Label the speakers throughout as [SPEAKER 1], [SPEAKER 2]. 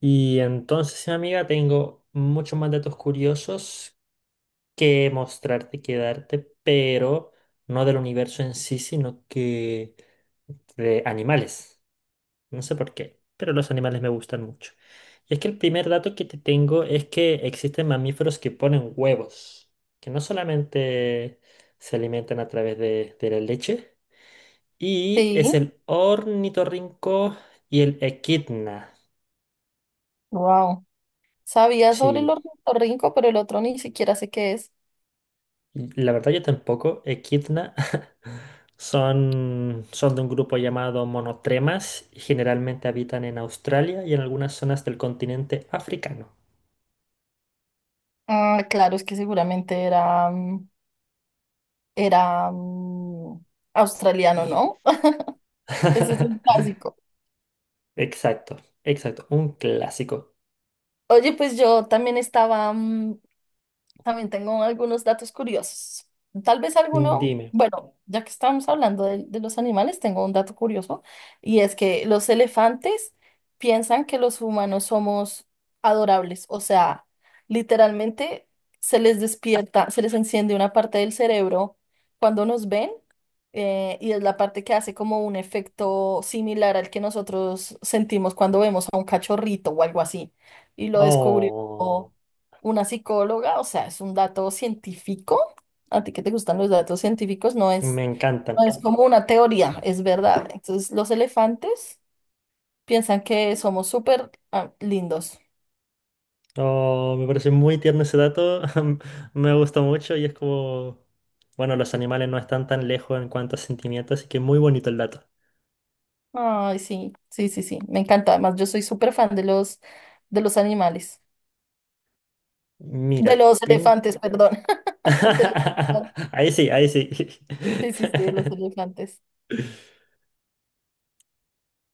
[SPEAKER 1] Y entonces, amiga, tengo muchos más datos curiosos que mostrarte, que darte, pero no del universo en sí, sino que de animales. No sé por qué, pero los animales me gustan mucho. Y es que el primer dato que te tengo es que existen mamíferos que ponen huevos, que no solamente se alimentan a través de la leche, y es
[SPEAKER 2] Sí,
[SPEAKER 1] el ornitorrinco y el equidna.
[SPEAKER 2] wow. Sabía sobre el
[SPEAKER 1] Sí.
[SPEAKER 2] ornitorrinco, pero el otro ni siquiera sé qué es.
[SPEAKER 1] La verdad yo tampoco. Echidna son de un grupo llamado monotremas y generalmente habitan en Australia y en algunas zonas del continente africano.
[SPEAKER 2] Ah, claro, es que seguramente era, era australiano, ¿no? Ese es un clásico.
[SPEAKER 1] Exacto, exacto. Un clásico.
[SPEAKER 2] Oye, pues yo también estaba, también tengo algunos datos curiosos. Tal vez alguno,
[SPEAKER 1] Dime.
[SPEAKER 2] bueno, ya que estamos hablando de los animales, tengo un dato curioso y es que los elefantes piensan que los humanos somos adorables, o sea, literalmente se les despierta, se les enciende una parte del cerebro cuando nos ven, y es la parte que hace como un efecto similar al que nosotros sentimos cuando vemos a un cachorrito o algo así. Y lo descubrió
[SPEAKER 1] Oh,
[SPEAKER 2] una psicóloga, o sea, es un dato científico. A ti que te gustan los datos científicos, no
[SPEAKER 1] me
[SPEAKER 2] es,
[SPEAKER 1] encantan.
[SPEAKER 2] no es como una teoría, es verdad. Entonces, los elefantes piensan que somos súper lindos.
[SPEAKER 1] Oh, me parece muy tierno ese dato. Me gustó mucho y es como... Bueno, los animales no están tan lejos en cuanto a sentimientos, así que muy bonito el dato.
[SPEAKER 2] Ay, sí, sí, sí, sí, me encanta. Además, yo soy súper fan de los animales,
[SPEAKER 1] Mira,
[SPEAKER 2] de los elefantes, perdón. De los-
[SPEAKER 1] ahí sí, ahí sí.
[SPEAKER 2] sí, sí, sí, de los elefantes.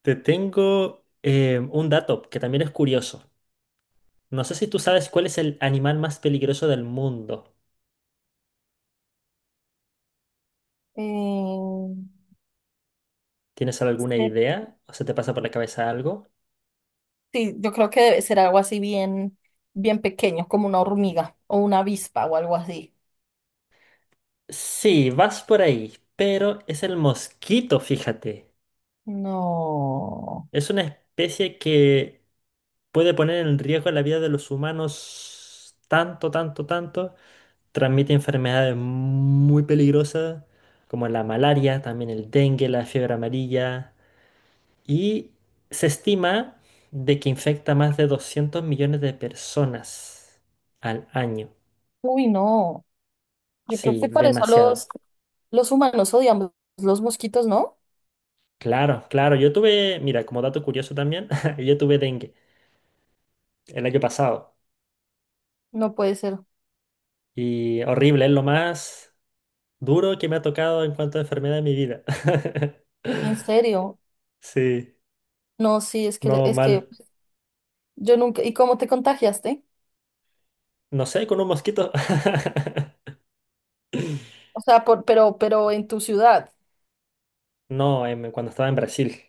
[SPEAKER 1] Te tengo un dato que también es curioso. No sé si tú sabes cuál es el animal más peligroso del mundo.
[SPEAKER 2] Eh,
[SPEAKER 1] ¿Tienes alguna
[SPEAKER 2] ser-
[SPEAKER 1] idea? ¿O se te pasa por la cabeza algo?
[SPEAKER 2] sí, yo creo que debe ser algo así bien, bien pequeño, como una hormiga o una avispa o algo así.
[SPEAKER 1] Sí, vas por ahí, pero es el mosquito, fíjate.
[SPEAKER 2] No.
[SPEAKER 1] Es una especie que puede poner en riesgo la vida de los humanos tanto, tanto, tanto. Transmite enfermedades muy peligrosas como la malaria, también el dengue, la fiebre amarilla y se estima de que infecta más de 200 millones de personas al año.
[SPEAKER 2] Uy, no. Yo creo
[SPEAKER 1] Sí,
[SPEAKER 2] que por eso
[SPEAKER 1] demasiado.
[SPEAKER 2] los humanos odiamos los mosquitos, ¿no?
[SPEAKER 1] Claro, claro. Yo tuve, mira, como dato curioso también, yo tuve dengue el año pasado
[SPEAKER 2] No puede ser.
[SPEAKER 1] y horrible, es lo más duro que me ha tocado en cuanto a enfermedad de mi vida.
[SPEAKER 2] En serio.
[SPEAKER 1] Sí,
[SPEAKER 2] No, sí, es que
[SPEAKER 1] no
[SPEAKER 2] es que
[SPEAKER 1] mal.
[SPEAKER 2] yo nunca. ¿Y cómo te contagiaste?
[SPEAKER 1] No sé, con un mosquito.
[SPEAKER 2] O sea, por, pero en tu ciudad.
[SPEAKER 1] No, cuando estaba en Brasil.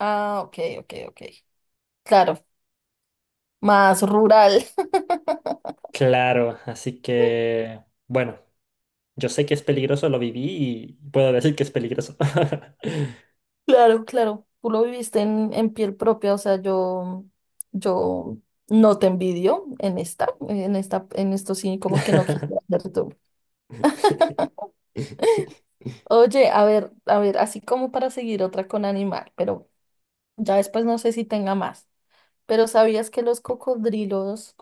[SPEAKER 2] Ah, ok, ok, ok. Claro, más rural.
[SPEAKER 1] Claro, así que, bueno, yo sé que es peligroso, lo viví y puedo decir que es peligroso.
[SPEAKER 2] Claro, claro. Tú lo viviste en piel propia, o sea, yo no te envidio en esta, en esta, en esto sí, como que no quise hacer. Oye, a ver, así como para seguir otra con animal, pero ya después no sé si tenga más. Pero ¿sabías que los cocodrilos,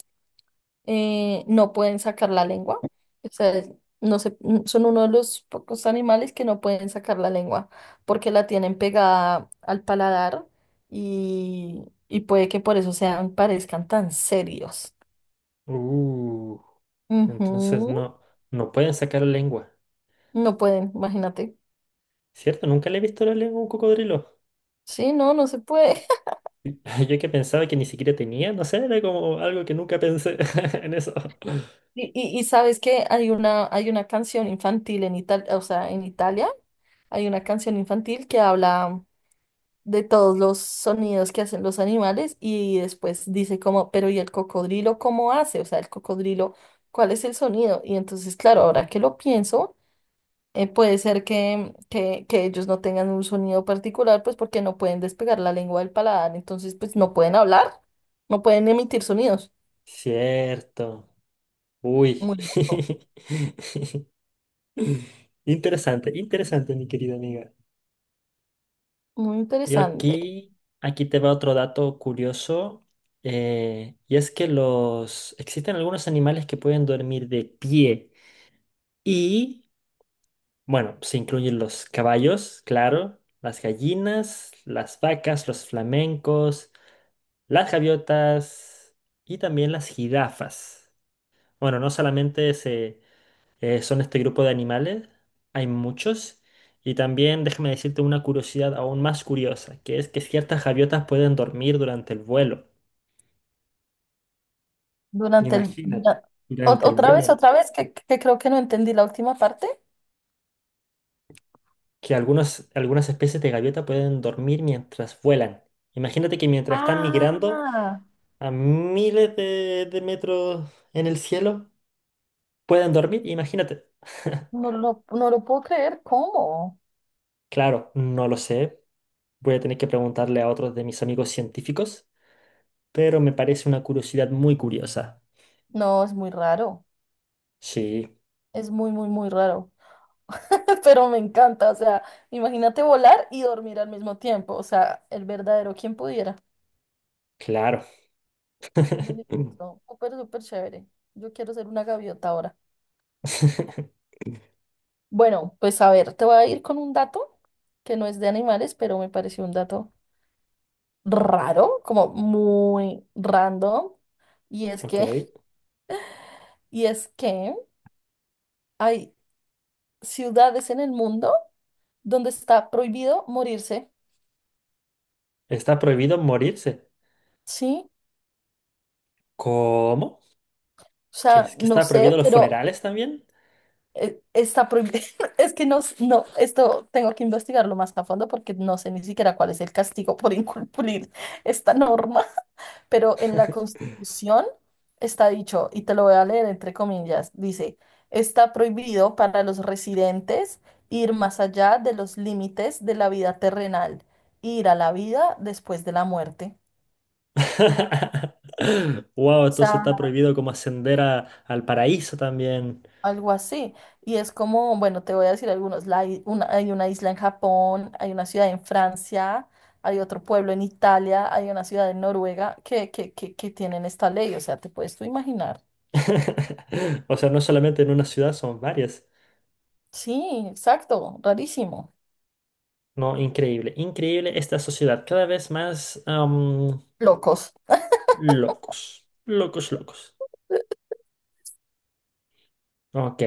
[SPEAKER 2] no pueden sacar la lengua? O sea, no sé, son uno de los pocos animales que no pueden sacar la lengua porque la tienen pegada al paladar y puede que por eso sean, parezcan tan serios.
[SPEAKER 1] Uh, entonces
[SPEAKER 2] Ujú.
[SPEAKER 1] no, no pueden sacar la lengua.
[SPEAKER 2] No pueden, imagínate.
[SPEAKER 1] ¿Cierto? Nunca le he visto la lengua a un cocodrilo.
[SPEAKER 2] Sí, no, no se puede.
[SPEAKER 1] Yo que pensaba que ni siquiera tenía, no sé, era como algo que nunca pensé en eso.
[SPEAKER 2] Y sabes que hay una canción infantil en Italia, o sea, en Italia hay una canción infantil que habla de todos los sonidos que hacen los animales y después dice como, pero ¿y el cocodrilo cómo hace? O sea, el cocodrilo, ¿cuál es el sonido? Y entonces, claro, ahora que lo pienso, puede ser que ellos no tengan un sonido particular, pues porque no pueden despegar la lengua del paladar, entonces pues no pueden hablar, no pueden emitir sonidos.
[SPEAKER 1] Cierto. Uy.
[SPEAKER 2] Muy loco,
[SPEAKER 1] Interesante, interesante, mi querida amiga.
[SPEAKER 2] muy
[SPEAKER 1] Yo
[SPEAKER 2] interesante.
[SPEAKER 1] aquí te va otro dato curioso, y es que existen algunos animales que pueden dormir de pie y, bueno, se incluyen los caballos, claro, las gallinas, las vacas, los flamencos, las gaviotas y también las jirafas. Bueno, no solamente se son este grupo de animales, hay muchos. Y también déjame decirte una curiosidad aún más curiosa, que es que ciertas gaviotas pueden dormir durante el vuelo.
[SPEAKER 2] Durante el...
[SPEAKER 1] Imagínate, durante el
[SPEAKER 2] otra vez,
[SPEAKER 1] vuelo,
[SPEAKER 2] otra vez, que creo que no entendí la última parte.
[SPEAKER 1] que algunas especies de gaviota pueden dormir mientras vuelan. Imagínate que mientras están migrando
[SPEAKER 2] Ah,
[SPEAKER 1] a miles de metros en el cielo, pueden dormir, imagínate.
[SPEAKER 2] no lo, no lo puedo creer, ¿cómo?
[SPEAKER 1] Claro, no lo sé. Voy a tener que preguntarle a otros de mis amigos científicos. Pero me parece una curiosidad muy curiosa.
[SPEAKER 2] No, es muy raro,
[SPEAKER 1] Sí,
[SPEAKER 2] es muy, muy, muy raro, pero me encanta, o sea, imagínate volar y dormir al mismo tiempo, o sea, el verdadero quien pudiera.
[SPEAKER 1] claro.
[SPEAKER 2] Deli- no, súper, súper chévere. Yo quiero ser una gaviota ahora. Bueno, pues a ver, te voy a ir con un dato que no es de animales, pero me pareció un dato raro, como muy random, y es
[SPEAKER 1] Ok.
[SPEAKER 2] que, y es que hay ciudades en el mundo donde está prohibido morirse,
[SPEAKER 1] ¿Está prohibido morirse?
[SPEAKER 2] ¿sí?
[SPEAKER 1] ¿Cómo?
[SPEAKER 2] O
[SPEAKER 1] ¿Que,
[SPEAKER 2] sea,
[SPEAKER 1] es- que
[SPEAKER 2] no
[SPEAKER 1] está prohibido
[SPEAKER 2] sé,
[SPEAKER 1] los
[SPEAKER 2] pero
[SPEAKER 1] funerales también?
[SPEAKER 2] está prohibido. Es que no, no, esto tengo que investigarlo más a fondo porque no sé ni siquiera cuál es el castigo por incumplir esta norma. Pero en la Constitución está dicho, y te lo voy a leer entre comillas, dice, está prohibido para los residentes ir más allá de los límites de la vida terrenal, ir a la vida después de la muerte.
[SPEAKER 1] Wow,
[SPEAKER 2] O
[SPEAKER 1] entonces está
[SPEAKER 2] sea,
[SPEAKER 1] prohibido como ascender a- al paraíso también.
[SPEAKER 2] algo así. Y es como, bueno, te voy a decir algunos, hay una isla en Japón, hay una ciudad en Francia, hay otro pueblo en Italia, hay una ciudad en Noruega que, que tienen esta ley. O sea, te puedes tú imaginar.
[SPEAKER 1] O sea, no solamente en una ciudad, son varias.
[SPEAKER 2] Sí, exacto, rarísimo.
[SPEAKER 1] No, increíble, increíble esta sociedad. Cada vez más
[SPEAKER 2] Locos.
[SPEAKER 1] locos, locos, locos. Ok.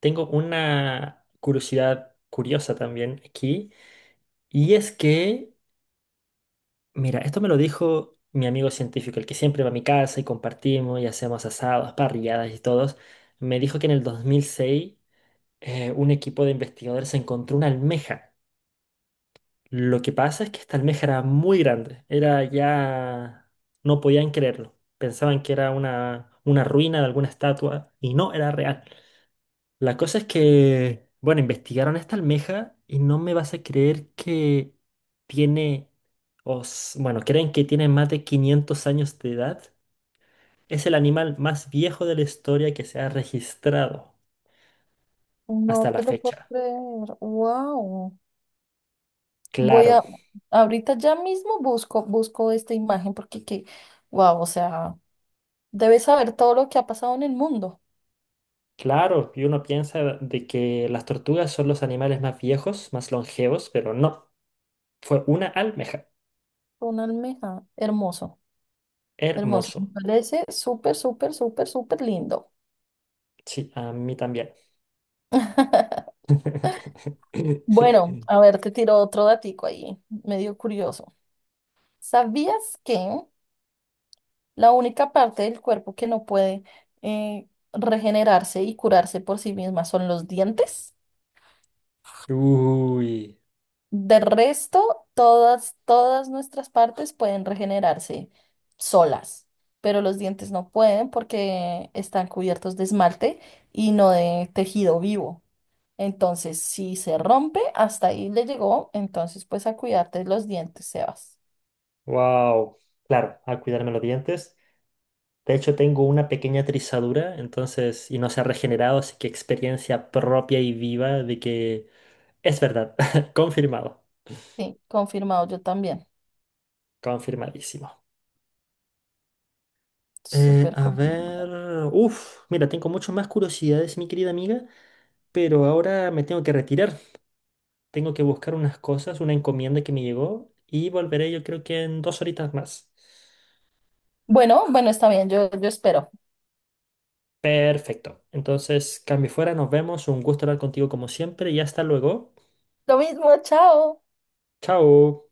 [SPEAKER 1] Tengo una curiosidad curiosa también aquí, y es que, mira, esto me lo dijo mi amigo científico, el que siempre va a mi casa y compartimos y hacemos asados, parrilladas y todos, me dijo que en el 2006 un equipo de investigadores encontró una almeja. Lo que pasa es que esta almeja era muy grande, era ya... no podían creerlo, pensaban que era una ruina de alguna estatua y no era real. La cosa es que, bueno, investigaron esta almeja y no me vas a creer que tiene, bueno, creen que tiene más de 500 años de edad. Es el animal más viejo de la historia que se ha registrado hasta
[SPEAKER 2] No
[SPEAKER 1] la
[SPEAKER 2] te lo puedo
[SPEAKER 1] fecha.
[SPEAKER 2] creer. Wow. Voy
[SPEAKER 1] Claro,
[SPEAKER 2] a, ahorita ya mismo busco, busco esta imagen porque que, wow, o sea, debes saber todo lo que ha pasado en el mundo.
[SPEAKER 1] claro, y uno piensa de que las tortugas son los animales más viejos, más longevos, pero no, fue una almeja.
[SPEAKER 2] Una almeja. Hermoso, hermoso. Me
[SPEAKER 1] Hermoso.
[SPEAKER 2] parece súper, súper, súper, súper lindo.
[SPEAKER 1] Sí, a mí también.
[SPEAKER 2] Bueno, a ver, te tiro otro datico ahí, medio curioso. ¿Sabías que la única parte del cuerpo que no puede, regenerarse y curarse por sí misma son los dientes?
[SPEAKER 1] Uy.
[SPEAKER 2] De resto, todas, todas nuestras partes pueden regenerarse solas, pero los dientes no pueden porque están cubiertos de esmalte y no de tejido vivo. Entonces, si se rompe, hasta ahí le llegó. Entonces, pues a cuidarte los dientes, Sebas.
[SPEAKER 1] Wow. Claro, al cuidarme los dientes. De hecho, tengo una pequeña trizadura, entonces, y no se ha regenerado, así que experiencia propia y viva de que es verdad. Confirmado.
[SPEAKER 2] Sí, confirmado yo también.
[SPEAKER 1] Confirmadísimo.
[SPEAKER 2] Súper
[SPEAKER 1] A ver.
[SPEAKER 2] confirmado.
[SPEAKER 1] Uf, mira, tengo mucho más curiosidades, mi querida amiga, pero ahora me tengo que retirar. Tengo que buscar unas cosas, una encomienda que me llegó, y volveré yo creo que en 2 horitas más.
[SPEAKER 2] Bueno, bueno, está bien, yo espero.
[SPEAKER 1] Perfecto. Entonces, cambio fuera, nos vemos. Un gusto hablar contigo como siempre y hasta luego.
[SPEAKER 2] Lo mismo, chao.
[SPEAKER 1] Chao.